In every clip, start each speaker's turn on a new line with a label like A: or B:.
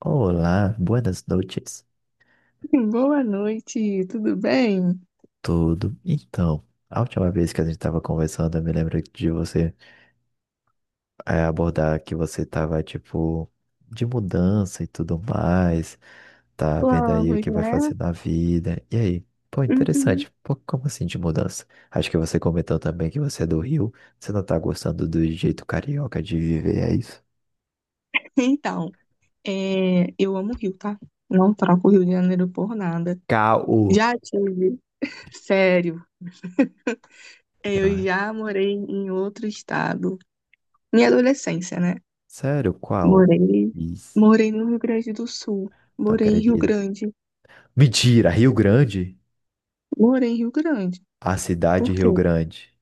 A: Olá, buenas noites.
B: Boa noite, tudo bem?
A: Tudo? Então, a última vez que a gente estava conversando, eu me lembro de você abordar que você estava, tipo, de mudança e tudo mais, tá vendo aí o
B: Vamos,
A: que vai
B: né?
A: fazer na vida. E aí? Pô,
B: Uhum.
A: interessante. Pô, como assim de mudança? Acho que você comentou também que você é do Rio, você não tá gostando do jeito carioca de viver, é isso?
B: Então, eu amo o Rio, tá? Não troco o Rio de Janeiro por nada.
A: Caô.
B: Já tive, sério, eu
A: Ah,
B: já morei em outro estado. Minha adolescência, né?
A: sério, qual?
B: Morei,
A: Isso,
B: morei no Rio Grande do Sul,
A: não
B: morei em Rio
A: acredito.
B: Grande,
A: Mentira, Rio Grande?
B: morei em Rio Grande.
A: A cidade
B: Por
A: de
B: quê?
A: Rio Grande,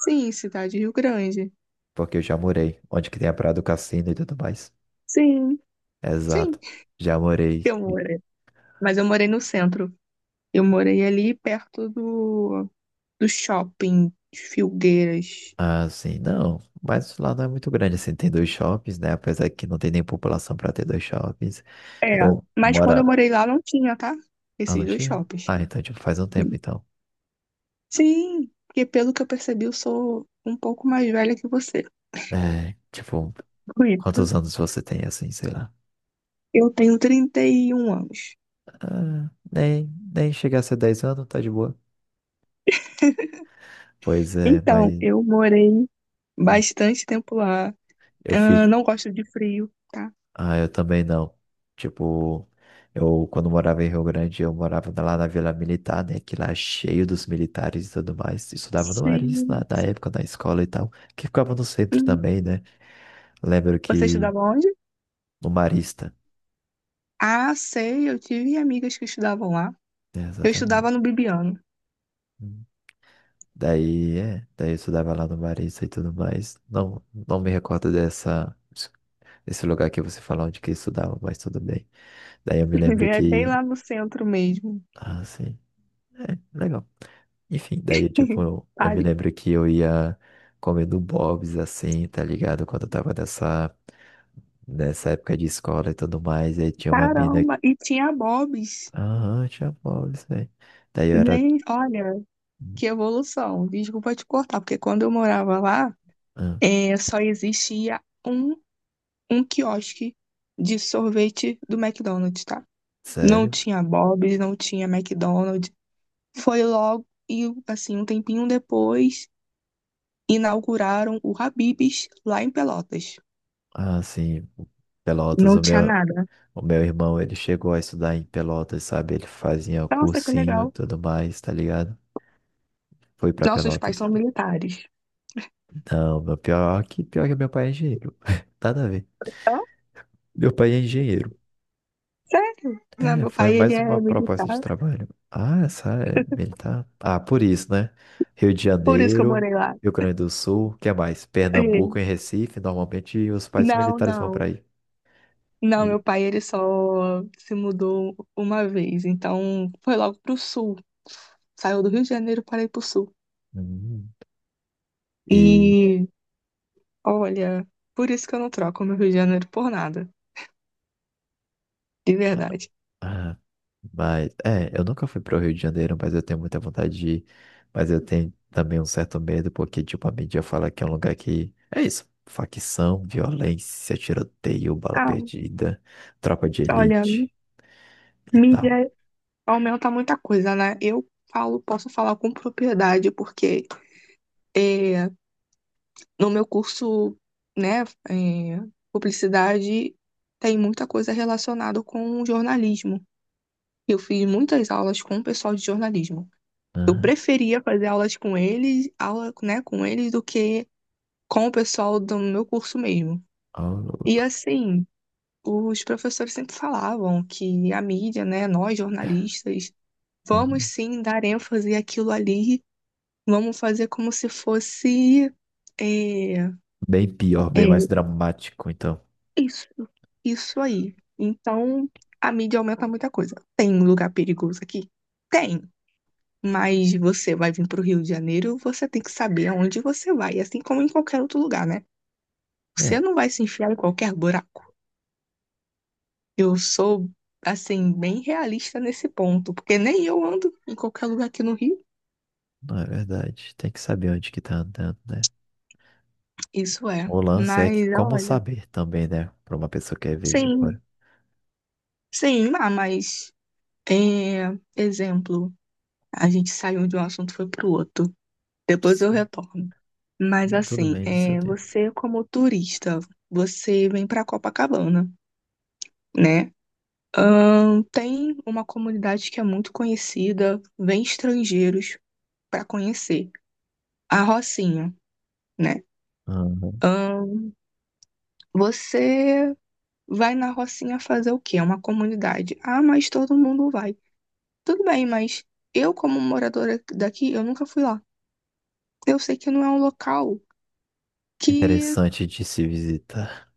B: Sim, cidade de Rio Grande.
A: porque eu já morei, onde que tem a Praia do Cassino e tudo mais.
B: Sim, sim,
A: Exato, já morei.
B: eu morei. Mas eu morei no centro. Eu morei ali perto do shopping de Filgueiras.
A: Ah, sim, não, mas lá não é muito grande, assim, tem dois shoppings, né? Apesar que não tem nem população para ter dois shoppings.
B: É,
A: Eu
B: mas
A: moro...
B: quando eu morei lá não tinha, tá?
A: Ah, não
B: Esses dois
A: tinha?
B: shoppings.
A: Ah, então, tipo, faz um tempo, então.
B: Sim, porque pelo que eu percebi, eu sou um pouco mais velha que você.
A: É, tipo,
B: Bonito.
A: quantos anos você tem, assim, sei lá?
B: Eu tenho 31 anos.
A: Ah, nem, nem chegar a ser 10 anos, tá de boa. Pois é,
B: Então,
A: mas
B: eu morei bastante tempo lá.
A: eu
B: Ah,
A: fico.
B: não gosto de frio, tá?
A: Ah, eu também não. Tipo, eu quando morava em Rio Grande, eu morava lá na Vila Militar, né? Que lá é cheio dos militares e tudo mais. Estudava no Maris na,
B: Sim.
A: na época, na escola e tal. Que ficava no centro
B: Uhum.
A: também, né? Lembro
B: Você
A: que
B: estudava onde?
A: no Marista,
B: Ah, sei, eu tive amigas que estudavam lá.
A: né?
B: Eu estudava no
A: Exatamente.
B: Bibiano.
A: Hum. Daí, é, daí eu estudava lá no Marista e tudo mais. Não me recordo desse lugar que você falou onde que eu estudava, mas tudo bem. Daí eu me lembro
B: É bem
A: que.
B: lá no centro mesmo.
A: Ah, sim. É, legal. Enfim, daí, tipo, eu
B: Tá.
A: me lembro que eu ia comendo Bob's, assim, tá ligado? Quando eu tava nessa época de escola e tudo mais, e aí tinha uma mina...
B: Caramba, e tinha Bob's.
A: Aham, tinha Bob's, velho. Daí eu era...
B: Gente, olha, que evolução. Desculpa te cortar, porque quando eu morava lá,
A: Hã?
B: só existia um, um quiosque de sorvete do McDonald's, tá? Não
A: Sério?
B: tinha Bob's, não tinha McDonald's. Foi logo, e assim, um tempinho depois, inauguraram o Habib's lá em Pelotas.
A: Ah, sim, Pelotas,
B: Não
A: o
B: tinha
A: meu...
B: nada.
A: O meu irmão, ele chegou a estudar em Pelotas, sabe? Ele fazia
B: Nossa, que
A: cursinho e
B: legal.
A: tudo mais, tá ligado? Foi pra
B: Nossos pais
A: Pelotas.
B: são militares.
A: Não, meu pior que meu pai é engenheiro. Nada a ver.
B: Hã?
A: Meu pai é engenheiro.
B: Sério? Não,
A: É,
B: meu
A: foi
B: pai, ele
A: mais uma
B: é
A: proposta de
B: militar,
A: trabalho. Ah, essa é militar. Ah, por isso, né? Rio de
B: por isso que eu
A: Janeiro,
B: morei lá.
A: Rio Grande do Sul, que mais?
B: É.
A: Pernambuco e Recife, normalmente os países
B: Não,
A: militares vão para
B: não.
A: aí.
B: Não,
A: E,
B: meu pai, ele só se mudou uma vez. Então, foi logo pro sul. Saiu do Rio de Janeiro para ir pro sul.
A: hum, e
B: E, olha, por isso que eu não troco meu Rio de Janeiro por nada. De verdade.
A: ah, mas é, eu nunca fui para o Rio de Janeiro, mas eu tenho muita vontade de ir. Mas eu tenho também um certo medo, porque tipo a mídia fala que é um lugar que é isso, facção, violência, tiroteio, bala
B: Ah,
A: perdida, tropa de
B: olha,
A: elite e tal,
B: mídia aumenta muita coisa, né? Eu falo, posso falar com propriedade, porque é, no meu curso, né, é, publicidade tem muita coisa relacionada com jornalismo. Eu fiz muitas aulas com o pessoal de jornalismo. Eu
A: né?
B: preferia fazer aulas com eles, aula, né, com eles do que com o pessoal do meu curso mesmo.
A: Ah,
B: E
A: louco.
B: assim, os professores sempre falavam que a mídia, né, nós jornalistas, vamos
A: Uhum.
B: sim dar ênfase àquilo ali, vamos fazer como se fosse é,
A: Bem pior, bem
B: é,
A: mais dramático, então.
B: isso, isso aí. Então, a mídia aumenta muita coisa. Tem lugar perigoso aqui? Tem. Mas você vai vir para o Rio de Janeiro, você tem que saber aonde você vai, assim como em qualquer outro lugar, né? Você
A: É,
B: não vai se enfiar em qualquer buraco. Eu sou, assim, bem realista nesse ponto, porque nem eu ando em qualquer lugar aqui no Rio.
A: não é verdade. Tem que saber onde que tá andando, né?
B: Isso é.
A: O lance é que
B: Mas,
A: como
B: olha,
A: saber também, né? Para uma pessoa que é vejo de
B: sim,
A: fora.
B: sim, ah, mas, exemplo, a gente saiu de um assunto e foi para o outro. Depois eu
A: Sim,
B: retorno. Mas,
A: tudo
B: assim,
A: bem no seu tempo.
B: você como turista, você vem para Copacabana, né? Tem uma comunidade que é muito conhecida, vem estrangeiros para conhecer, a Rocinha, né?
A: Uhum.
B: Ahn, você vai na Rocinha fazer o quê? É uma comunidade. Ah, mas todo mundo vai. Tudo bem, mas eu, como moradora daqui, eu nunca fui lá. Eu sei que não é um local que
A: Interessante de se visitar.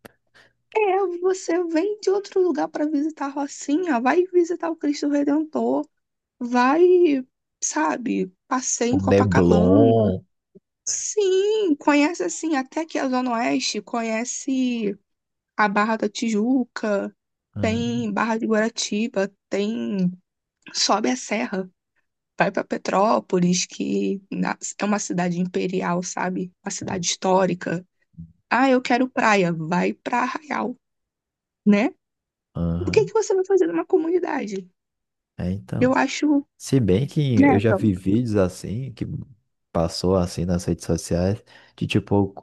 B: é, você vem de outro lugar para visitar a Rocinha, vai visitar o Cristo Redentor, vai, sabe, passeia
A: O
B: em Copacabana.
A: Neblon.
B: Sim, conhece assim, até aqui a Zona Oeste, conhece a Barra da Tijuca,
A: Uhum.
B: tem Barra de Guaratiba, tem sobe a serra, vai para Petrópolis, é uma cidade imperial, sabe? Uma cidade histórica. Ah, eu quero praia, vai para Arraial, né? O que
A: Uhum.
B: que você vai fazer numa comunidade?
A: É,
B: Eu
A: então.
B: acho,
A: Se bem que
B: né,
A: eu já
B: então,
A: vi vídeos assim, que passou assim nas redes sociais, de tipo,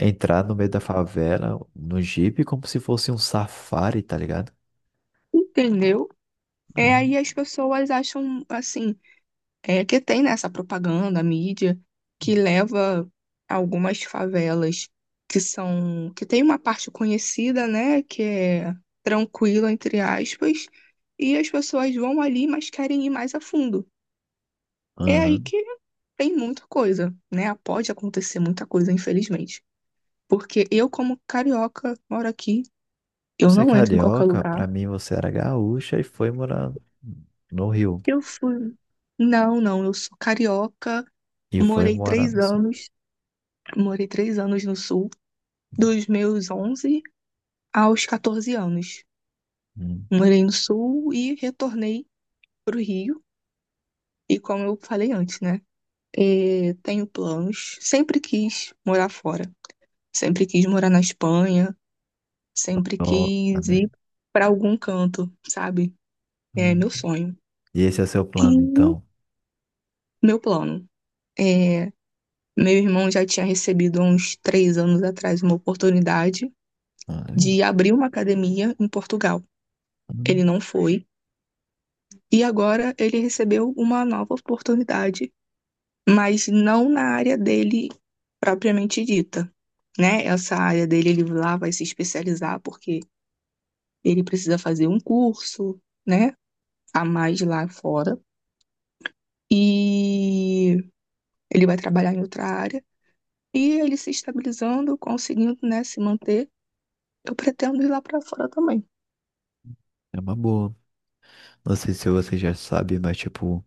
A: entrar no meio da favela, no Jeep como se fosse um safari, tá ligado?
B: entendeu? É
A: Uhum.
B: aí as pessoas acham assim, é que tem nessa propaganda, a mídia, que leva algumas favelas que são, que tem uma parte conhecida, né, que é tranquila, entre aspas, e as pessoas vão ali, mas querem ir mais a fundo. É aí
A: Uhum.
B: que tem muita coisa, né? Pode acontecer muita coisa, infelizmente. Porque eu, como carioca, moro aqui, eu
A: Você é
B: não entro em qualquer
A: carioca,
B: lugar.
A: pra mim você era gaúcha e foi morar no Rio.
B: Eu fui. Não, não, eu sou carioca,
A: E foi
B: morei
A: morar
B: três
A: no Sul.
B: anos, morei três anos no sul. Dos meus 11 aos 14 anos.
A: Hum.
B: Morei no Sul e retornei para o Rio. E como eu falei antes, né? E tenho planos. Sempre quis morar fora. Sempre quis morar na Espanha. Sempre
A: Nossa,
B: quis
A: né?
B: ir para algum canto, sabe? É
A: Hum.
B: meu sonho.
A: E esse é seu
B: E
A: plano, então?
B: meu plano. É, meu irmão já tinha recebido há uns três anos atrás uma oportunidade
A: Ah, é
B: de abrir uma academia em Portugal. Ele
A: hum,
B: não foi. E agora ele recebeu uma nova oportunidade, mas não na área dele propriamente dita, né? Essa área dele, ele lá vai se especializar porque ele precisa fazer um curso, né? A mais lá fora. E ele vai trabalhar em outra área. E ele se estabilizando, conseguindo, né, se manter. Eu pretendo ir lá pra fora também.
A: é uma boa. Não sei se você já sabe, mas tipo.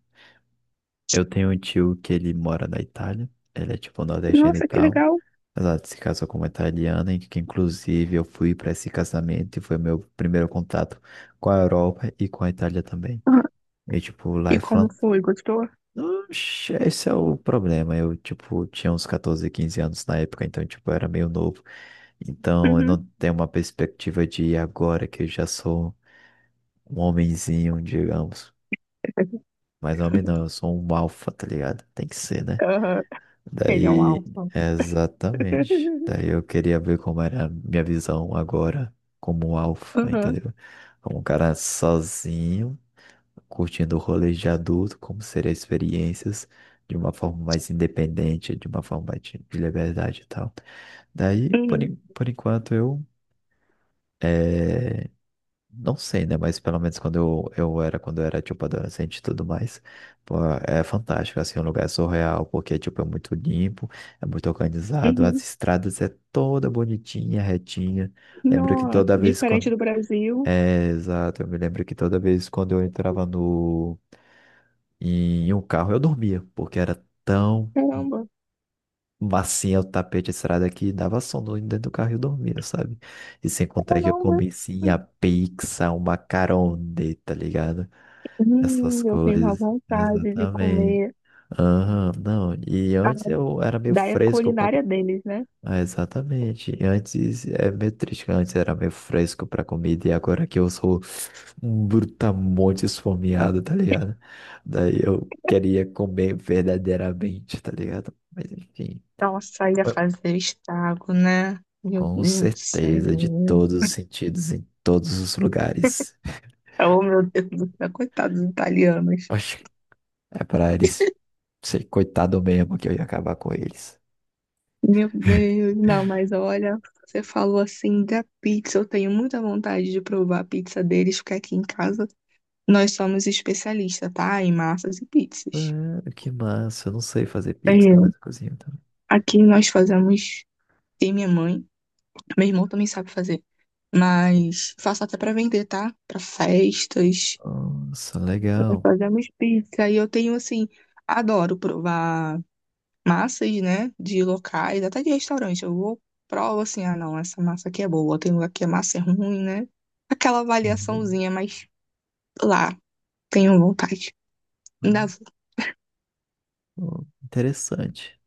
A: Eu tenho um tio que ele mora na Itália, ele é tipo nordestino e
B: Nossa, que
A: tal,
B: legal.
A: mas ela se casou com uma italiana, e que inclusive eu fui para esse casamento e foi meu primeiro contato com a Europa e com a Itália também.
B: Uhum.
A: E tipo, lá
B: E
A: é
B: como
A: fan...
B: foi? Gostou?
A: Oxe, esse é o problema, eu tipo tinha uns 14, 15 anos na época, então tipo eu era meio novo. Então, eu
B: Uhum.
A: não tenho uma perspectiva de ir agora que eu já sou um homenzinho, digamos. Mas homem não, eu sou um alfa, tá ligado? Tem que ser, né?
B: Aham. Ele é um
A: Daí,
B: alfa.
A: exatamente. Daí eu queria ver como era a minha visão agora, como um alfa,
B: Aham.
A: entendeu? Como um cara sozinho, curtindo o rolê de adulto, como seriam experiências de uma forma mais independente, de uma forma mais de liberdade e tal. Daí,
B: Uhum.
A: por enquanto, eu eh, não sei, né? Mas pelo menos quando quando eu era, tipo, adolescente e tudo mais, pô, é fantástico, assim, um lugar é surreal, porque, tipo, é muito limpo, é muito organizado, as
B: Uhum.
A: estradas é toda bonitinha, retinha. Lembro que
B: Nossa,
A: toda vez
B: diferente
A: quando...
B: do Brasil.
A: É, exato, eu me lembro que toda vez quando eu entrava no... em um carro, eu dormia, porque era tão
B: Caramba,
A: macia o tapete de estrada que dava sono dentro do carro e eu dormia, sabe? E sem contar que eu
B: caramba.
A: comi, sim, a pizza, uma macarone, tá ligado? Essas
B: Eu tenho uma
A: coisas,
B: vontade de
A: exatamente.
B: comer
A: Aham, não, e
B: a
A: antes eu era meio
B: daia
A: fresco para.
B: culinária deles, né?
A: Ah, exatamente. E antes é meio triste, que antes era meio fresco para comida e agora que eu sou um brutamonte esfomeado, tá ligado? Daí eu queria comer verdadeiramente, tá ligado? Mas enfim,
B: Nossa, ia fazer estrago, né? Meu
A: com
B: Deus do
A: certeza, de
B: céu.
A: todos os sentidos, em todos os lugares.
B: Oh, meu Deus do céu, coitados dos italianos.
A: Oxe, é para eles ser coitado mesmo que eu ia acabar com eles.
B: Meu Deus, não, mas olha, você falou assim da pizza. Eu tenho muita vontade de provar a pizza deles, porque aqui em casa nós somos especialistas, tá? Em massas e pizzas.
A: Ah, que massa. Eu não sei fazer
B: É,
A: pix na minha cozinha também.
B: aqui nós fazemos e minha mãe. Meu irmão também sabe fazer. Mas faço até pra vender, tá? Pra festas.
A: Nossa,
B: Nós
A: legal.
B: fazemos pizza. E eu tenho, assim, adoro provar massas, né? De locais, até de restaurante. Eu vou, provo assim, ah, não, essa massa aqui é boa. Tem lugar que a massa é ruim, né? Aquela
A: Uhum.
B: avaliaçãozinha, mas lá, tenho vontade. Ainda
A: Ah,
B: vou.
A: pô, interessante.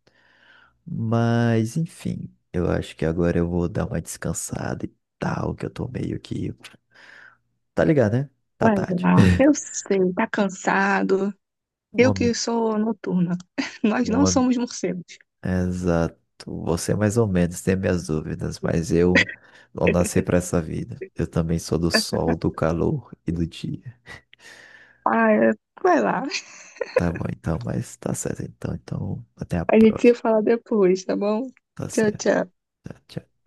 A: Mas, enfim, eu acho que agora eu vou dar uma descansada e tal, que eu tô meio que. Tá ligado, né? Tá
B: Vai
A: tarde.
B: lá. Eu sei, tá cansado.
A: Um
B: Eu que
A: homem,
B: sou noturna. Nós
A: um
B: não
A: homem.
B: somos morcegos.
A: Exato. Você é mais ou menos tem minhas dúvidas, mas eu não nasci pra essa vida. Eu também sou do sol, do calor e do dia.
B: Ah, é, vai lá.
A: Tá bom, então, mas tá certo então. Então, até a
B: A gente se
A: próxima.
B: fala depois, tá bom?
A: Tá
B: Tchau,
A: certo.
B: tchau.
A: Tá, tchau.